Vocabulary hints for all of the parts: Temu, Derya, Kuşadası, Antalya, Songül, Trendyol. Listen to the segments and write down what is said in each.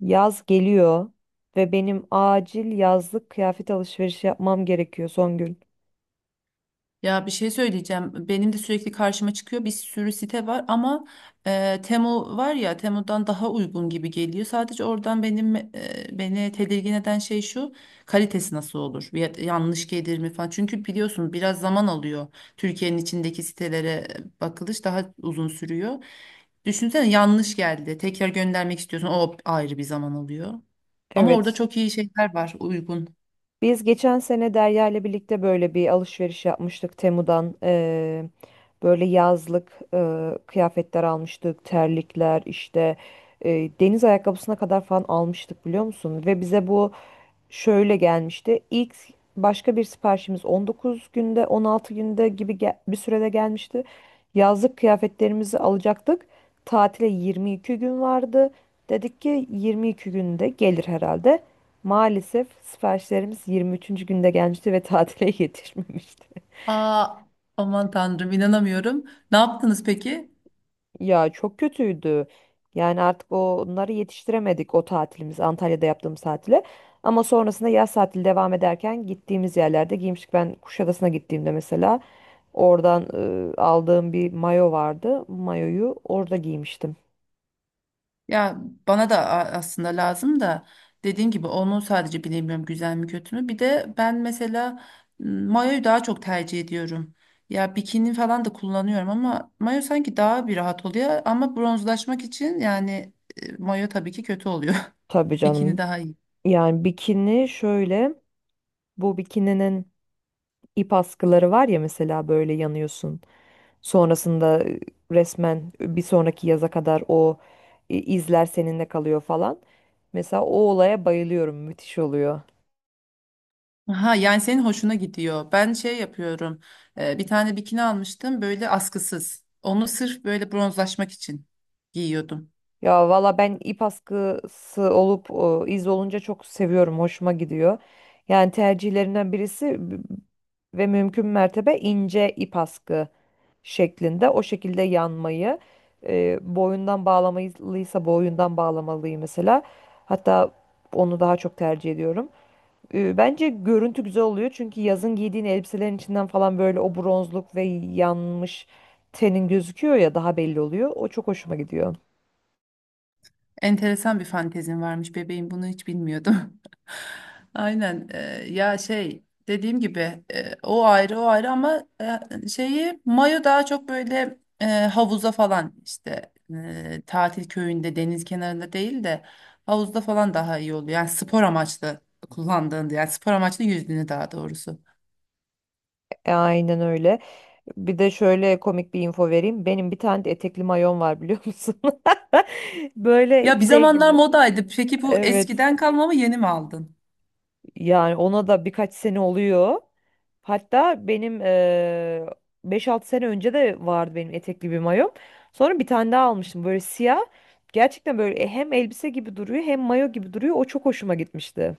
Yaz geliyor ve benim acil yazlık kıyafet alışverişi yapmam gerekiyor son gün. Ya bir şey söyleyeceğim. Benim de sürekli karşıma çıkıyor, bir sürü site var ama Temu var ya, Temu'dan daha uygun gibi geliyor. Sadece oradan. Beni tedirgin eden şey şu: kalitesi nasıl olur? Yanlış gelir mi falan. Çünkü biliyorsun biraz zaman alıyor. Türkiye'nin içindeki sitelere bakılış daha uzun sürüyor. Düşünsene, yanlış geldi. Tekrar göndermek istiyorsun. O ayrı bir zaman alıyor. Ama orada Evet. çok iyi şeyler var, uygun. Biz geçen sene Derya ile birlikte böyle bir alışveriş yapmıştık Temu'dan. Böyle yazlık kıyafetler almıştık, terlikler işte deniz ayakkabısına kadar falan almıştık biliyor musun? Ve bize bu şöyle gelmişti. İlk başka bir siparişimiz 19 günde, 16 günde gibi bir sürede gelmişti. Yazlık kıyafetlerimizi alacaktık. Tatile 22 gün vardı. Dedik ki 22 günde gelir herhalde. Maalesef siparişlerimiz 23. günde gelmişti ve tatile yetişmemişti. Aa, aman tanrım, inanamıyorum. Ne yaptınız peki? Ya çok kötüydü. Yani artık onları yetiştiremedik o tatilimiz Antalya'da yaptığımız tatile. Ama sonrasında yaz tatili devam ederken gittiğimiz yerlerde giymiştik. Ben Kuşadası'na gittiğimde mesela oradan aldığım bir mayo vardı. Mayoyu orada giymiştim. Ya bana da aslında lazım da, dediğim gibi onu sadece bilemiyorum, güzel mi kötü mü. Bir de ben mesela mayoyu daha çok tercih ediyorum. Ya bikini falan da kullanıyorum ama mayo sanki daha bir rahat oluyor. Ama bronzlaşmak için yani mayo tabii ki kötü oluyor. Tabii Bikini canım. daha iyi. Yani bikini şöyle bu bikininin ip askıları var ya mesela böyle yanıyorsun. Sonrasında resmen bir sonraki yaza kadar o izler seninle kalıyor falan. Mesela o olaya bayılıyorum. Müthiş oluyor. Aha, yani senin hoşuna gidiyor. Ben şey yapıyorum. Bir tane bikini almıştım böyle askısız. Onu sırf böyle bronzlaşmak için giyiyordum. Ya valla ben ip askısı olup o, iz olunca çok seviyorum. Hoşuma gidiyor. Yani tercihlerinden birisi ve mümkün mertebe ince ip askı şeklinde o şekilde yanmayı boyundan bağlamalıysa boyundan bağlamalıyım mesela. Hatta onu daha çok tercih ediyorum. Bence görüntü güzel oluyor çünkü yazın giydiğin elbiselerin içinden falan böyle o bronzluk ve yanmış tenin gözüküyor ya daha belli oluyor. O çok hoşuma gidiyor. Enteresan bir fantezin varmış bebeğim, bunu hiç bilmiyordum. Aynen. Ya şey, dediğim gibi o ayrı o ayrı ama şeyi, mayo daha çok böyle havuza falan işte, tatil köyünde deniz kenarında değil de havuzda falan daha iyi oluyor. Yani spor amaçlı kullandığında, yani spor amaçlı yüzdüğünü daha doğrusu. Aynen öyle. Bir de şöyle komik bir info vereyim. Benim bir tane de etekli mayon var biliyor musun? Böyle Ya bir şey zamanlar gibi. modaydı, peki bu Evet. eskiden kalma mı, yeni mi aldın? Yani ona da birkaç sene oluyor. Hatta benim 5-6 sene önce de vardı benim etekli bir mayom. Sonra bir tane daha almıştım böyle siyah. Gerçekten böyle hem elbise gibi duruyor hem mayo gibi duruyor. O çok hoşuma gitmişti.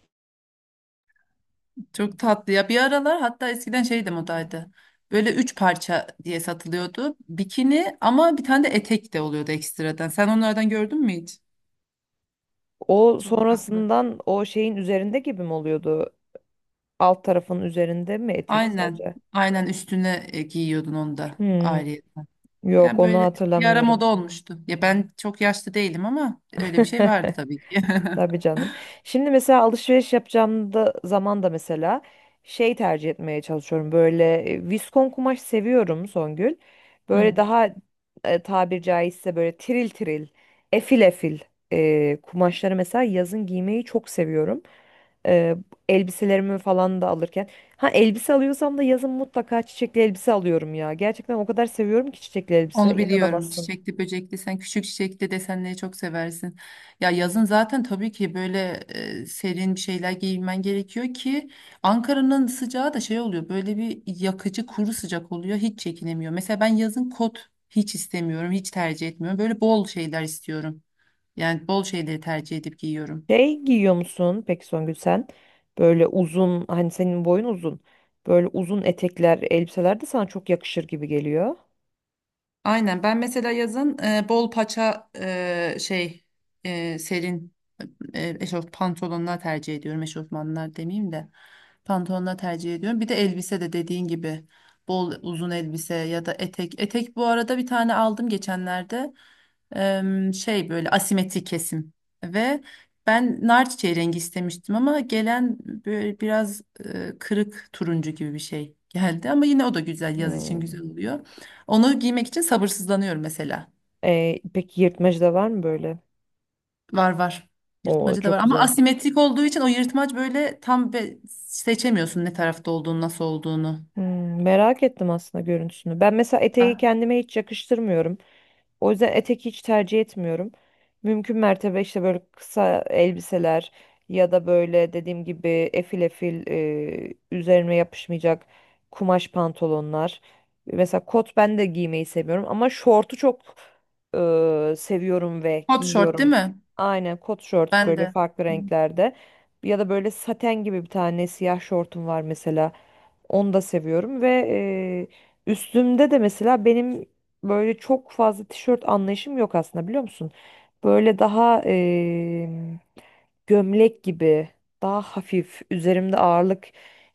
Çok tatlı ya. Bir aralar hatta eskiden şeydi, modaydı. Böyle üç parça diye satılıyordu. Bikini ama bir tane de etek de oluyordu ekstradan. Sen onlardan gördün mü hiç? O Çok tatlı. sonrasından o şeyin üzerinde gibi mi oluyordu? Alt tarafın üzerinde mi etek Aynen. sadece? Aynen üstüne giyiyordun onu da Hmm, ayrı. yok Yani onu böyle bir ara moda hatırlamıyorum. olmuştu. Ya ben çok yaşlı değilim ama öyle bir şey vardı tabii ki. Tabii canım. Şimdi mesela alışveriş yapacağım da zaman da mesela şey tercih etmeye çalışıyorum. Böyle viskon kumaş seviyorum Songül. Böyle Hı. daha tabir caizse böyle tiril tiril, efil efil kumaşları mesela yazın giymeyi çok seviyorum. E, elbiselerimi falan da alırken. Ha elbise alıyorsam da yazın mutlaka çiçekli elbise alıyorum ya. Gerçekten o kadar seviyorum ki çiçekli elbise. Onu biliyorum. İnanamazsın. Çiçekli, böcekli. Sen küçük çiçekli desenleri çok seversin. Ya yazın zaten tabii ki böyle serin bir şeyler giymen gerekiyor ki Ankara'nın sıcağı da şey oluyor. Böyle bir yakıcı kuru sıcak oluyor. Hiç çekinemiyor. Mesela ben yazın kot hiç istemiyorum. Hiç tercih etmiyorum. Böyle bol şeyler istiyorum. Yani bol şeyleri tercih edip giyiyorum. Şey giyiyor musun peki Songül sen? Böyle uzun hani senin boyun uzun. Böyle uzun etekler, elbiseler de sana çok yakışır gibi geliyor. Aynen, ben mesela yazın bol paça şey serin eşof pantolonlar tercih ediyorum. Eşofmanlar demeyeyim de pantolonlar tercih ediyorum. Bir de elbise de dediğin gibi bol uzun elbise ya da etek. Etek bu arada bir tane aldım geçenlerde. Şey, böyle asimetrik kesim ve ben nar çiçeği rengi istemiştim ama gelen böyle biraz kırık turuncu gibi bir şey geldi ama yine o da güzel, yaz için Hmm. güzel oluyor. Onu giymek için sabırsızlanıyorum mesela. Peki yırtmacı da var mı böyle? Var var. O Yırtmacı da var çok ama güzel. asimetrik olduğu için o yırtmaç böyle tam seçemiyorsun ne tarafta olduğunu, nasıl olduğunu. Merak ettim aslında görüntüsünü. Ben mesela eteği Ha. kendime hiç yakıştırmıyorum. O yüzden etek hiç tercih etmiyorum. Mümkün mertebe işte böyle kısa elbiseler ya da böyle dediğim gibi efil efil üzerime yapışmayacak kumaş pantolonlar. Mesela kot ben de giymeyi seviyorum ama şortu çok seviyorum ve Hot short değil giyiyorum. mi? Aynen kot şort Ben böyle de. farklı renklerde. Ya da böyle saten gibi bir tane siyah şortum var mesela. Onu da seviyorum ve üstümde de mesela benim böyle çok fazla tişört anlayışım yok aslında biliyor musun? Böyle daha gömlek gibi, daha hafif, üzerimde ağırlık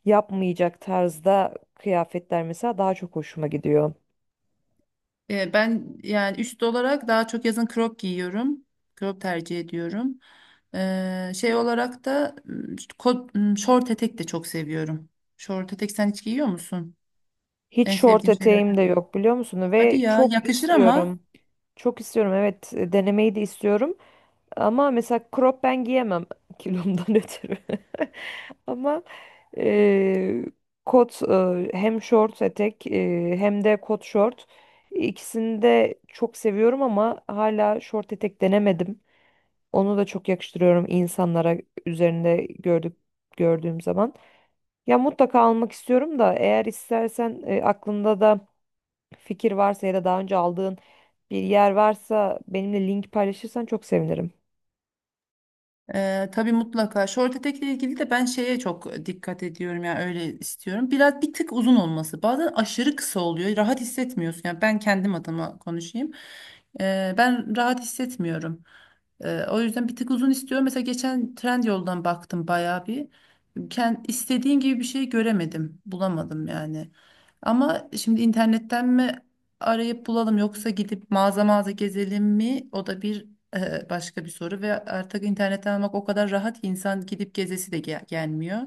yapmayacak tarzda kıyafetler mesela daha çok hoşuma gidiyor. Ben yani üst olarak daha çok yazın crop giyiyorum. Crop tercih ediyorum. Şey olarak da kot, şort etek de çok seviyorum. Şort etek sen hiç giyiyor musun? Hiç En şort sevdiğim eteğim de şeylerden biri. yok biliyor musun? Hadi Ve ya, çok yakışır ama. istiyorum. Çok istiyorum evet denemeyi de istiyorum. Ama mesela crop ben giyemem kilomdan ötürü. Ama eee, kot hem short etek hem de kot short ikisini de çok seviyorum ama hala short etek denemedim. Onu da çok yakıştırıyorum insanlara üzerinde gördüğüm zaman. Ya mutlaka almak istiyorum da eğer istersen aklında da fikir varsa ya da daha önce aldığın bir yer varsa benimle link paylaşırsan çok sevinirim. Tabii, mutlaka. Short etekle ilgili de ben şeye çok dikkat ediyorum, yani öyle istiyorum. Biraz bir tık uzun olması. Bazen aşırı kısa oluyor. Rahat hissetmiyorsun. Yani ben kendim adıma konuşayım. Ben rahat hissetmiyorum. O yüzden bir tık uzun istiyorum. Mesela geçen Trendyol'dan baktım bayağı bir. İstediğim gibi bir şey göremedim. Bulamadım yani. Ama şimdi internetten mi arayıp bulalım, yoksa gidip mağaza mağaza gezelim mi? O da bir başka bir soru ve artık internetten almak o kadar rahat ki insan gidip gezesi de gelmiyor.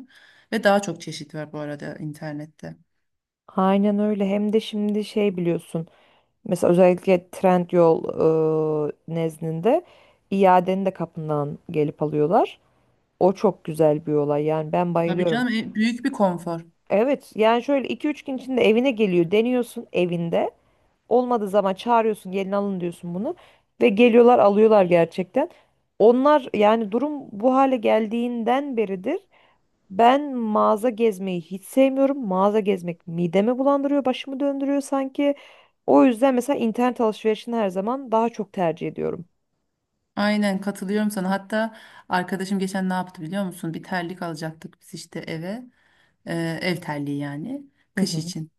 Ve daha çok çeşit var bu arada internette. Aynen öyle. Hem de şimdi şey biliyorsun. Mesela özellikle Trendyol nezdinde iadeni de kapından gelip alıyorlar. O çok güzel bir olay. Yani ben Tabii bayılıyorum. canım, büyük bir konfor. Evet yani şöyle iki üç gün içinde evine geliyor. Deniyorsun evinde. Olmadığı zaman çağırıyorsun gelin alın diyorsun bunu. Ve geliyorlar alıyorlar gerçekten. Onlar yani durum bu hale geldiğinden beridir. Ben mağaza gezmeyi hiç sevmiyorum. Mağaza gezmek midemi bulandırıyor, başımı döndürüyor sanki. O yüzden mesela internet alışverişini her zaman daha çok tercih ediyorum. Aynen, katılıyorum sana. Hatta arkadaşım geçen ne yaptı biliyor musun? Bir terlik alacaktık biz işte eve. Ev terliği yani. Hı Kış hı. için.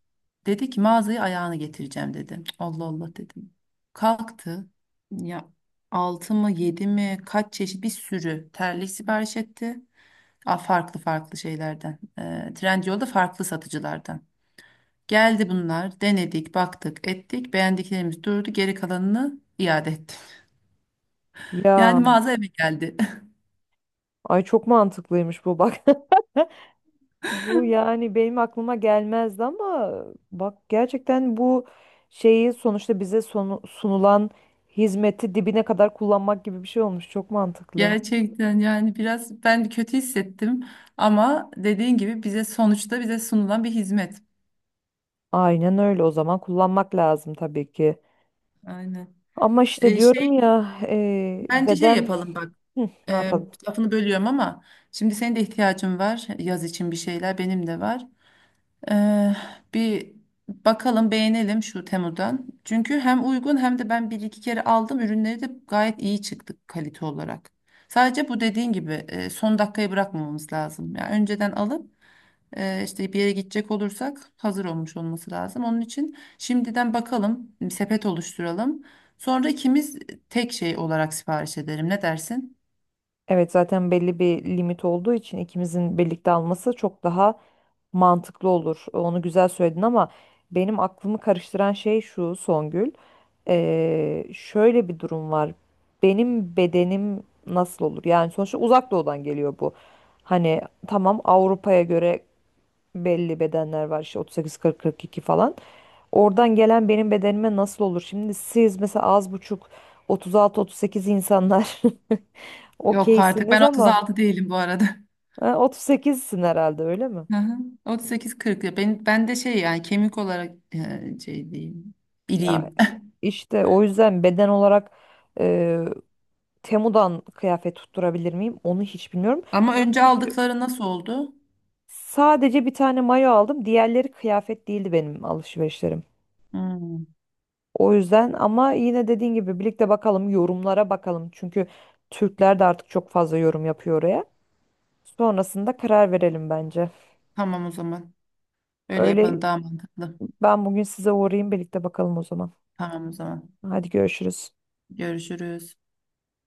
Dedi ki mağazaya ayağını getireceğim dedi. Allah Allah dedim. Kalktı. Ya 6 mı 7 mi kaç çeşit bir sürü terlik sipariş etti. A, farklı farklı şeylerden. E, Trendyol'da farklı satıcılardan. Geldi bunlar, denedik, baktık, ettik. Beğendiklerimiz durdu, geri kalanını iade ettim. Ya, Yani mağaza eve geldi. ay çok mantıklıymış bu bak. Bu yani benim aklıma gelmezdi ama bak gerçekten bu şeyi sonuçta bize sunulan hizmeti dibine kadar kullanmak gibi bir şey olmuş. Çok mantıklı. Gerçekten yani biraz ben kötü hissettim ama dediğin gibi bize, sonuçta bize sunulan bir hizmet. Aynen öyle o zaman kullanmak lazım tabii ki. Aynen. Ama işte E, şey diyorum ya Bence şey beden. yapalım bak. Hı, ne E, yapalım? Lafını bölüyorum ama şimdi senin de ihtiyacın var yaz için bir şeyler, benim de var. Eee, bir bakalım, beğenelim şu Temu'dan. Çünkü hem uygun hem de ben bir iki kere aldım. Ürünleri de gayet iyi çıktı kalite olarak. Sadece bu, dediğin gibi, son dakikayı bırakmamamız lazım. Yani önceden alıp işte bir yere gidecek olursak hazır olmuş olması lazım. Onun için şimdiden bakalım, sepet oluşturalım. Sonra ikimiz tek şey olarak sipariş edelim. Ne dersin? Evet zaten belli bir limit olduğu için ikimizin birlikte alması çok daha mantıklı olur. Onu güzel söyledin ama benim aklımı karıştıran şey şu Songül. Şöyle bir durum var. Benim bedenim nasıl olur? Yani sonuçta uzak doğudan geliyor bu. Hani tamam Avrupa'ya göre belli bedenler var işte 38-40-42 falan. Oradan gelen benim bedenime nasıl olur? Şimdi siz mesela az buçuk 36-38 insanlar Yok artık, ben Okeysiniz ama 36 değilim bu arada. 38'sin herhalde öyle mi? Hı hı. 38-40 ya ben, ben de şey, yani kemik olarak şey diyeyim Ya bileyim. işte o yüzden beden olarak e, Temu'dan kıyafet tutturabilir miyim? Onu hiç bilmiyorum. Ama önce Çünkü aldıkları nasıl oldu? sadece bir tane mayo aldım. Diğerleri kıyafet değildi benim alışverişlerim. Hmm. O yüzden ama yine dediğin gibi birlikte bakalım yorumlara bakalım. Çünkü Türkler de artık çok fazla yorum yapıyor oraya. Sonrasında karar verelim bence. Tamam o zaman. Öyle Öyle yapalım, daha mantıklı. ben bugün size uğrayayım birlikte bakalım o zaman. Tamam o zaman. Hadi görüşürüz. Görüşürüz.